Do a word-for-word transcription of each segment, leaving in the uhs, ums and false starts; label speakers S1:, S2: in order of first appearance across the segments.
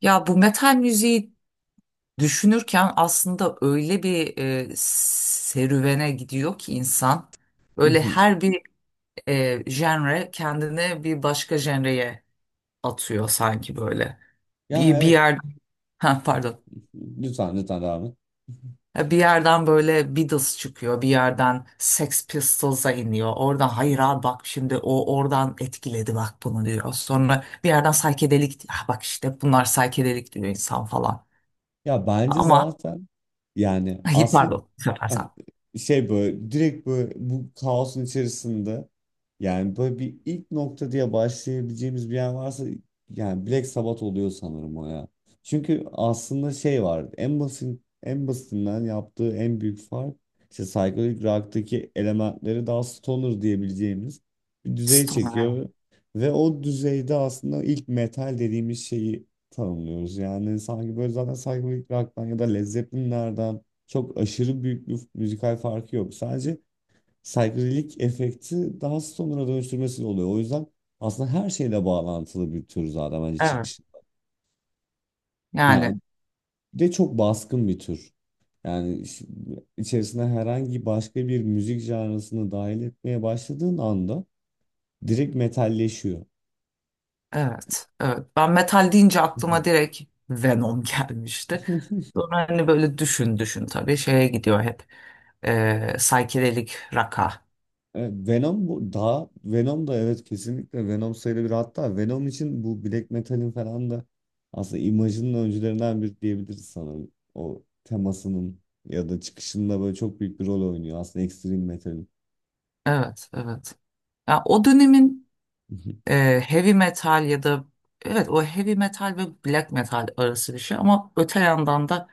S1: Ya bu metal müziği düşünürken aslında öyle bir e, serüvene gidiyor ki insan. Öyle
S2: Mhm.
S1: her bir e, genre kendini bir başka genreye atıyor sanki böyle.
S2: Ya
S1: Bir, bir
S2: evet.
S1: yer ha, pardon.
S2: Lütfen lütfen devam et.
S1: Ya bir yerden böyle Beatles çıkıyor, bir yerden Sex Pistols'a iniyor. Oradan hayır abi bak şimdi o oradan etkiledi bak bunu diyor. Sonra bir yerden psychedelic, ah bak işte bunlar psychedelic diyor insan falan.
S2: Ya bence
S1: Ama
S2: zaten, yani
S1: hayır,
S2: aslında...
S1: pardon, bu sefer
S2: Ha.
S1: sen.
S2: Şey, böyle direkt böyle bu kaosun içerisinde, yani böyle bir ilk nokta diye başlayabileceğimiz bir yer varsa yani Black Sabbath oluyor sanırım o ya. Çünkü aslında şey var, en basit en basitinden yaptığı en büyük fark, işte psychedelic rock'taki elementleri daha stoner diyebileceğimiz bir düzey
S1: Stoner.
S2: çekiyor ve o düzeyde aslında ilk metal dediğimiz şeyi tanımlıyoruz. Yani sanki böyle zaten psychedelic rock'tan ya da Led Zeppelin'lerden çok aşırı büyük bir müzikal farkı yok. Sadece psychedelic efekti daha stoner'a dönüştürmesiyle oluyor. O yüzden aslında her şeyle bağlantılı bir tür zaten bence
S1: Evet.
S2: çıkış.
S1: Yani
S2: Yani de çok baskın bir tür. Yani iş- içerisine herhangi başka bir müzik janrasını dahil etmeye başladığın anda direkt metalleşiyor.
S1: evet. Evet, ben metal deyince aklıma direkt Venom gelmişti. Sonra hani böyle düşün düşün tabii şeye gidiyor hep. Ee, psychedelic rock'a.
S2: Evet, Venom bu daha, Venom da evet, kesinlikle Venom sayılabilir. Hatta Venom için bu Black Metal'in falan da aslında imajının öncülerinden biri diyebiliriz sanırım. O temasının ya da çıkışında böyle çok büyük bir rol oynuyor aslında Extreme Metal'in.
S1: Evet, evet. Ya o dönemin e, heavy metal ya da evet, o heavy metal ve black metal arası bir şey, ama öte yandan da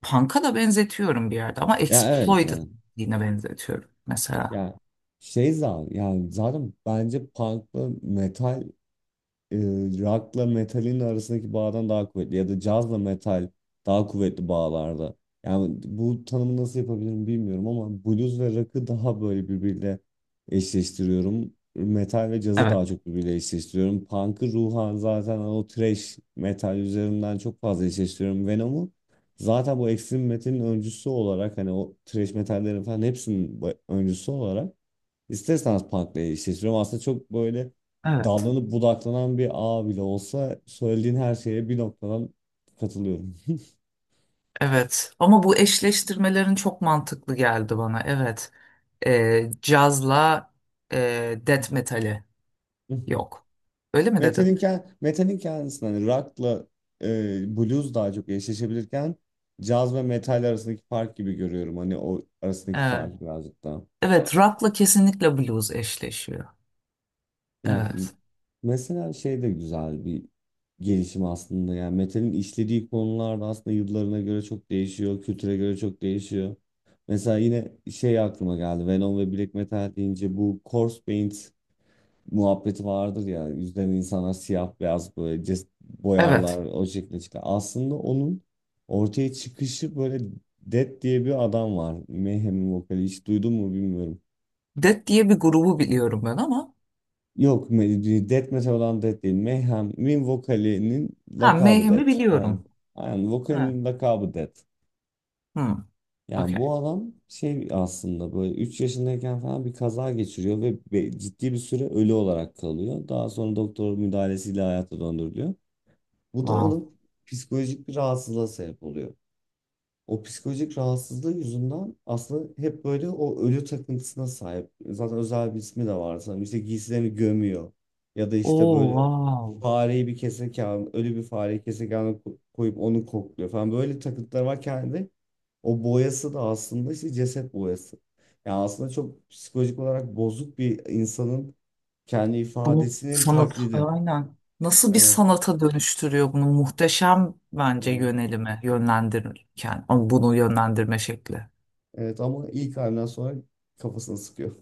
S1: punk'a da benzetiyorum bir yerde, ama
S2: Ya evet,
S1: exploited
S2: evet.
S1: yine benzetiyorum mesela.
S2: Ya şey, zaten yani zaten bence punk'la metal, e, rock'la metalin arasındaki bağdan daha kuvvetli ya da cazla metal daha kuvvetli bağlarda. Yani bu tanımı nasıl yapabilirim bilmiyorum ama blues ve rock'ı daha böyle birbiriyle eşleştiriyorum. Metal ve cazı
S1: Evet.
S2: daha çok birbiriyle eşleştiriyorum. Punk'ı ruhan zaten o thrash metal üzerinden çok fazla eşleştiriyorum. Venom'u zaten bu extreme metalin öncüsü olarak, hani o thrash metallerin falan hepsinin bu- öncüsü olarak İsterseniz Punk'la eşleştiriyorum. Aslında çok böyle
S1: Evet.
S2: dallanıp budaklanan bir ağ bile olsa söylediğin her şeye bir noktadan katılıyorum.
S1: Evet. Ama bu eşleştirmelerin çok mantıklı geldi bana. Evet. E, cazla e, death metali yok. Öyle mi
S2: Metal'in,
S1: dedin?
S2: kend- metal'in kendisinde hani rock'la, e, blues daha çok eşleşebilirken caz ve metal arasındaki fark gibi görüyorum. Hani o arasındaki
S1: Evet.
S2: fark birazcık daha.
S1: Evet, rock'la kesinlikle blues eşleşiyor.
S2: Yani
S1: Evet.
S2: mesela şey de güzel bir gelişim aslında. Yani metalin işlediği konular da aslında yıllarına göre çok değişiyor, kültüre göre çok değişiyor. Mesela yine şey aklıma geldi. Venom ve Black Metal deyince bu corpse paint muhabbeti vardır ya. Yüzden insanlar siyah beyaz böyle ces-
S1: Evet.
S2: boyarlar, o şekilde çıkar. Aslında onun ortaya çıkışı böyle, Dead diye bir adam var. Mayhem'in vokali, hiç duydun mu bilmiyorum.
S1: Death diye bir grubu biliyorum ben ama.
S2: Yok, me- Death Metal olan Death değil. Mayhem'in vokalinin
S1: Ha,
S2: lakabı
S1: Mayhem'i
S2: Death. Aynen.
S1: biliyorum.
S2: Aynen.
S1: Evet.
S2: Vokalinin lakabı Death.
S1: Hmm.
S2: Yani
S1: Okay.
S2: bu adam şey, aslında böyle üç yaşındayken falan bir kaza geçiriyor ve ve ciddi bir süre ölü olarak kalıyor. Daha sonra doktor müdahalesiyle hayata döndürülüyor. Bu da
S1: Wow.
S2: onun psikolojik bir rahatsızlığa sebep oluyor. O psikolojik rahatsızlığı yüzünden aslında hep böyle o ölü takıntısına sahip. Zaten özel bir ismi de var sanırım. İşte giysilerini gömüyor. Ya da işte
S1: Oh,
S2: böyle
S1: wow.
S2: fareyi, bir kesek keserken, ölü bir fareyi keserken ko- koyup onu kokluyor falan. Böyle takıntılar var kendi. O boyası da aslında işte ceset boyası. Yani aslında çok psikolojik olarak bozuk bir insanın kendi
S1: Bunu
S2: ifadesinin
S1: sanat,
S2: taklidi.
S1: aynen. Nasıl bir
S2: Evet,
S1: sanata dönüştürüyor bunu? Muhteşem bence
S2: evet.
S1: yönelimi, yönlendirirken. Ama bunu yönlendirme şekli.
S2: Evet ama ilk halinden sonra kafasını sıkıyor.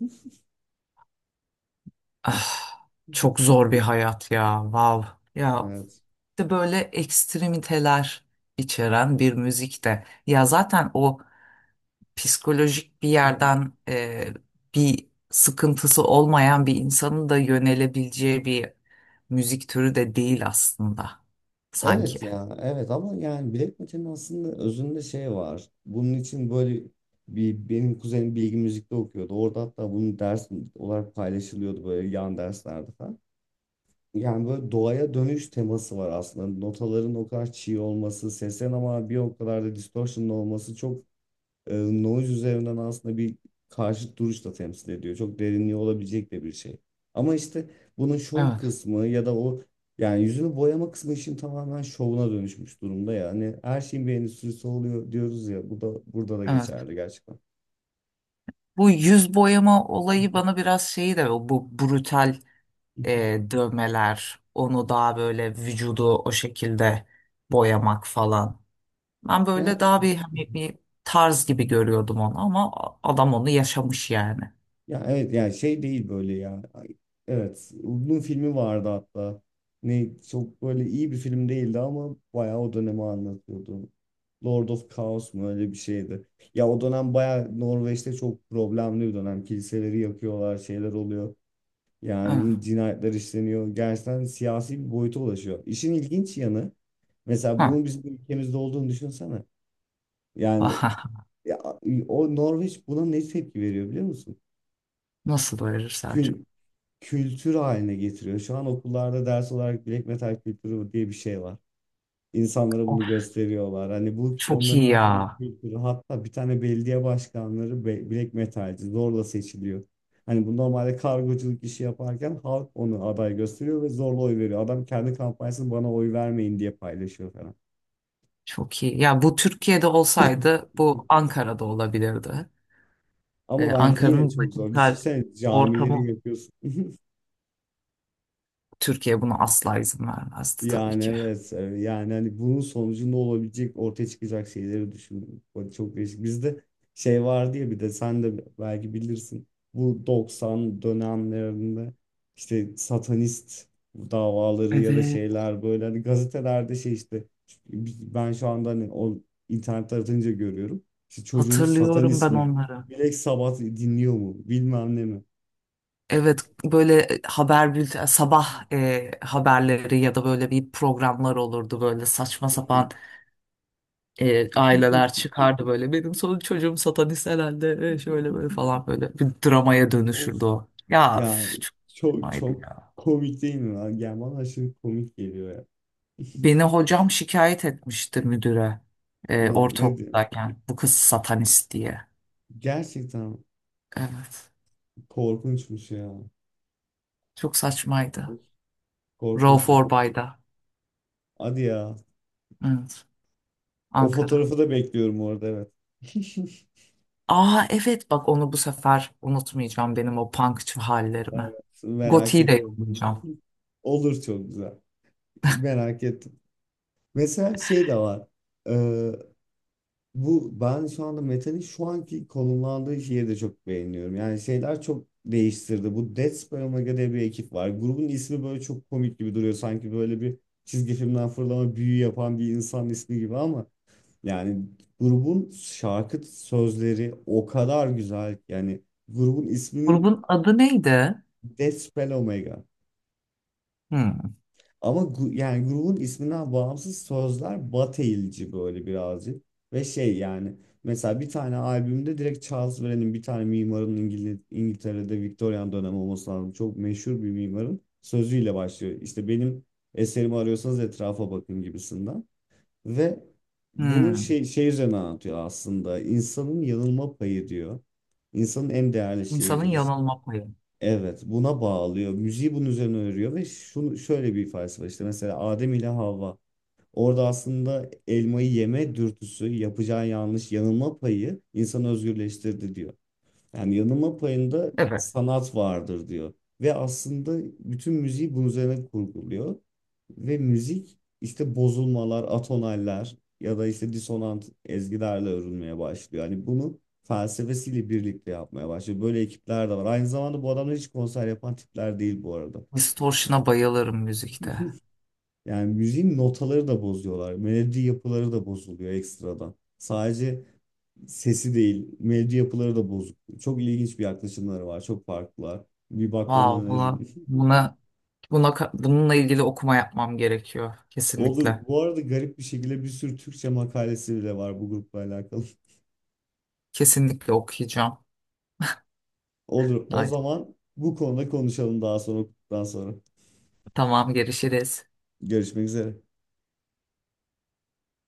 S1: Ah, çok zor bir hayat ya. Wow. Ya
S2: Evet.
S1: işte böyle ekstremiteler içeren bir müzik de. Ya zaten o psikolojik bir yerden e, bir sıkıntısı olmayan bir insanın da yönelebileceği bir müzik türü de değil aslında sanki.
S2: Evet ya, evet, ama yani Black Metal'in aslında özünde şey var. Bunun için, böyle bir, benim kuzenim bilgi müzikte okuyordu. Orada hatta bunun ders olarak paylaşılıyordu böyle, yan derslerde falan. Yani böyle doğaya dönüş teması var aslında. Notaların o kadar çiğ olması, seslerin ama bir o kadar da distortion'lı olması, çok e, noise üzerinden aslında bir karşıt duruş da temsil ediyor. Çok derinliği olabilecek de bir şey. Ama işte bunun şov
S1: Evet,
S2: kısmı ya da o, yani yüzünü boyama kısmı işin tamamen şovuna dönüşmüş durumda ya. Hani her şeyin bir endüstrisi oluyor diyoruz ya. Bu da, burada da
S1: evet.
S2: geçerli gerçekten.
S1: Bu yüz boyama olayı bana biraz şeyi de, o bu brutal e, dövmeler, onu daha böyle vücudu o şekilde boyamak falan. Ben
S2: Ya.
S1: böyle daha bir hani bir tarz gibi görüyordum onu, ama adam onu yaşamış yani.
S2: Ya evet, yani şey değil böyle ya. Ay, evet, uzun filmi vardı hatta. Ne, çok böyle iyi bir film değildi ama bayağı o dönemi anlatıyordu. Lord of Chaos mu, öyle bir şeydi. Ya o dönem bayağı Norveç'te çok problemli bir dönem. Kiliseleri yakıyorlar, şeyler oluyor.
S1: Evet.
S2: Yani cinayetler işleniyor. Gerçekten siyasi bir boyuta ulaşıyor. İşin ilginç yanı, mesela bunun bizim ülkemizde olduğunu düşünsene.
S1: Hı.
S2: Yani ya, o Norveç buna ne tepki veriyor biliyor musun?
S1: Nasıl doyurur sence?
S2: Kül- Kültür haline getiriyor. Şu an okullarda ders olarak black metal kültürü diye bir şey var. İnsanlara
S1: Of,
S2: bunu gösteriyorlar. Hani bu
S1: çok
S2: onların
S1: iyi
S2: artık bir
S1: ya.
S2: kültürü. Hatta bir tane belediye başkanları, be- black metalci, zorla seçiliyor. Hani bu normalde kargoculuk işi yaparken halk onu aday gösteriyor ve zorla oy veriyor. Adam kendi kampanyasını bana oy vermeyin diye paylaşıyor falan.
S1: Çok iyi. Ya bu Türkiye'de olsaydı bu Ankara'da olabilirdi.
S2: Ama
S1: Ee,
S2: bence yine
S1: Ankara'nın
S2: çok zor.
S1: başkent
S2: Düşünsene, camileri
S1: ortamı,
S2: yapıyorsun.
S1: Türkiye buna asla izin vermezdi tabii
S2: Yani
S1: ki.
S2: evet, e, yani hani bunun sonucunda olabilecek, ortaya çıkacak şeyleri düşündüm. O çok değişik. Bizde şey vardı ya, bir de sen de belki bilirsin. Bu doksan dönemlerinde işte satanist davaları ya da
S1: Evet.
S2: şeyler, böyle hani gazetelerde, şey işte, ben şu anda hani o internet aratınca görüyorum. İşte çocuğunuz
S1: Hatırlıyorum
S2: satanist
S1: ben
S2: mi?
S1: onları.
S2: Black Sabbath dinliyor mu? Bilmem ne mi?
S1: Evet, böyle haber bülten sabah e, haberleri ya da böyle bir programlar olurdu, böyle saçma sapan e, aileler çıkardı böyle. Benim son çocuğum satanist herhalde e, şöyle böyle falan, böyle bir dramaya
S2: Of.
S1: dönüşürdü o. Ya
S2: Yani
S1: üf, çok
S2: çok
S1: saçmaydı
S2: çok
S1: ya.
S2: komik değil mi lan? Yani bana aşırı komik geliyor ya.
S1: Beni hocam şikayet etmişti müdüre e,
S2: Ne, ne diyeyim?
S1: ortaokuldayken bu kız satanist diye.
S2: Gerçekten
S1: Evet,
S2: korkunçmuş ya.
S1: çok
S2: Of.
S1: saçmaydı. Rauf
S2: Korkunçmuş.
S1: Orbay'da.
S2: Hadi ya.
S1: Evet,
S2: O
S1: Ankara.
S2: fotoğrafı da bekliyorum orada, evet.
S1: Aa evet, bak onu bu sefer unutmayacağım, benim o punkçı
S2: Evet,
S1: hallerimi.
S2: merak
S1: Goti'yi de
S2: ediyorum.
S1: yollayacağım.
S2: Olur, çok güzel. Merak ettim. Mesela şey de var. Ee, Bu ben şu anda metalin şu anki konumlandığı şeyi de çok beğeniyorum. Yani şeyler çok değiştirdi. Bu Dead Square Omega diye bir ekip var. Grubun ismi böyle çok komik gibi duruyor. Sanki böyle bir çizgi filmden fırlama, büyü yapan bir insan ismi gibi ama yani grubun şarkı sözleri o kadar güzel. Yani grubun isminin
S1: Grubun adı neydi?
S2: Dead Spell Omega.
S1: Hmm.
S2: Ama gu- yani grubun isminden bağımsız, sözler bateyilci böyle birazcık. Ve şey, yani mesela bir tane albümde direkt Charles Wren'in, bir tane mimarın, İngil İngiltere'de Victorian dönemi olması lazım, çok meşhur bir mimarın sözüyle başlıyor. İşte benim eserimi arıyorsanız etrafa bakın gibisinden. Ve bunun
S1: Hmm.
S2: şey, şey, üzerine anlatıyor aslında. İnsanın yanılma payı diyor. İnsanın en değerli
S1: İnsanın
S2: şeyidir. İşte,
S1: yanılma payı.
S2: evet, buna bağlıyor. Müziği bunun üzerine örüyor ve şunu, şöyle bir ifadesi var, işte mesela Adem ile Havva. Orada aslında elmayı yeme dürtüsü, yapacağı yanlış, yanılma payı insanı özgürleştirdi diyor. Yani yanılma payında
S1: Evet.
S2: sanat vardır diyor. Ve aslında bütün müziği bunun üzerine kurguluyor. Ve müzik işte bozulmalar, atonaller ya da işte disonant ezgilerle örülmeye başlıyor. Hani bunu felsefesiyle birlikte yapmaya başlıyor. Böyle ekipler de var. Aynı zamanda bu adamlar hiç konser yapan tipler değil bu arada.
S1: Distortion'a bayılırım müzikte.
S2: Yani müziğin notaları da bozuyorlar. Melodi yapıları da bozuluyor ekstradan. Sadece sesi değil, melodi yapıları da bozuk. Çok ilginç bir yaklaşımları var. Çok farklılar. Bir bakmanı
S1: Wow, buna
S2: öneririm.
S1: buna buna ka- bununla ilgili okuma yapmam gerekiyor
S2: Olur.
S1: kesinlikle.
S2: Bu arada garip bir şekilde bir sürü Türkçe makalesi bile var bu grupla alakalı.
S1: Kesinlikle okuyacağım.
S2: Olur. O
S1: Ay,
S2: zaman bu konuda konuşalım daha sonra, daha sonra.
S1: tamam, görüşürüz.
S2: Görüşmek üzere.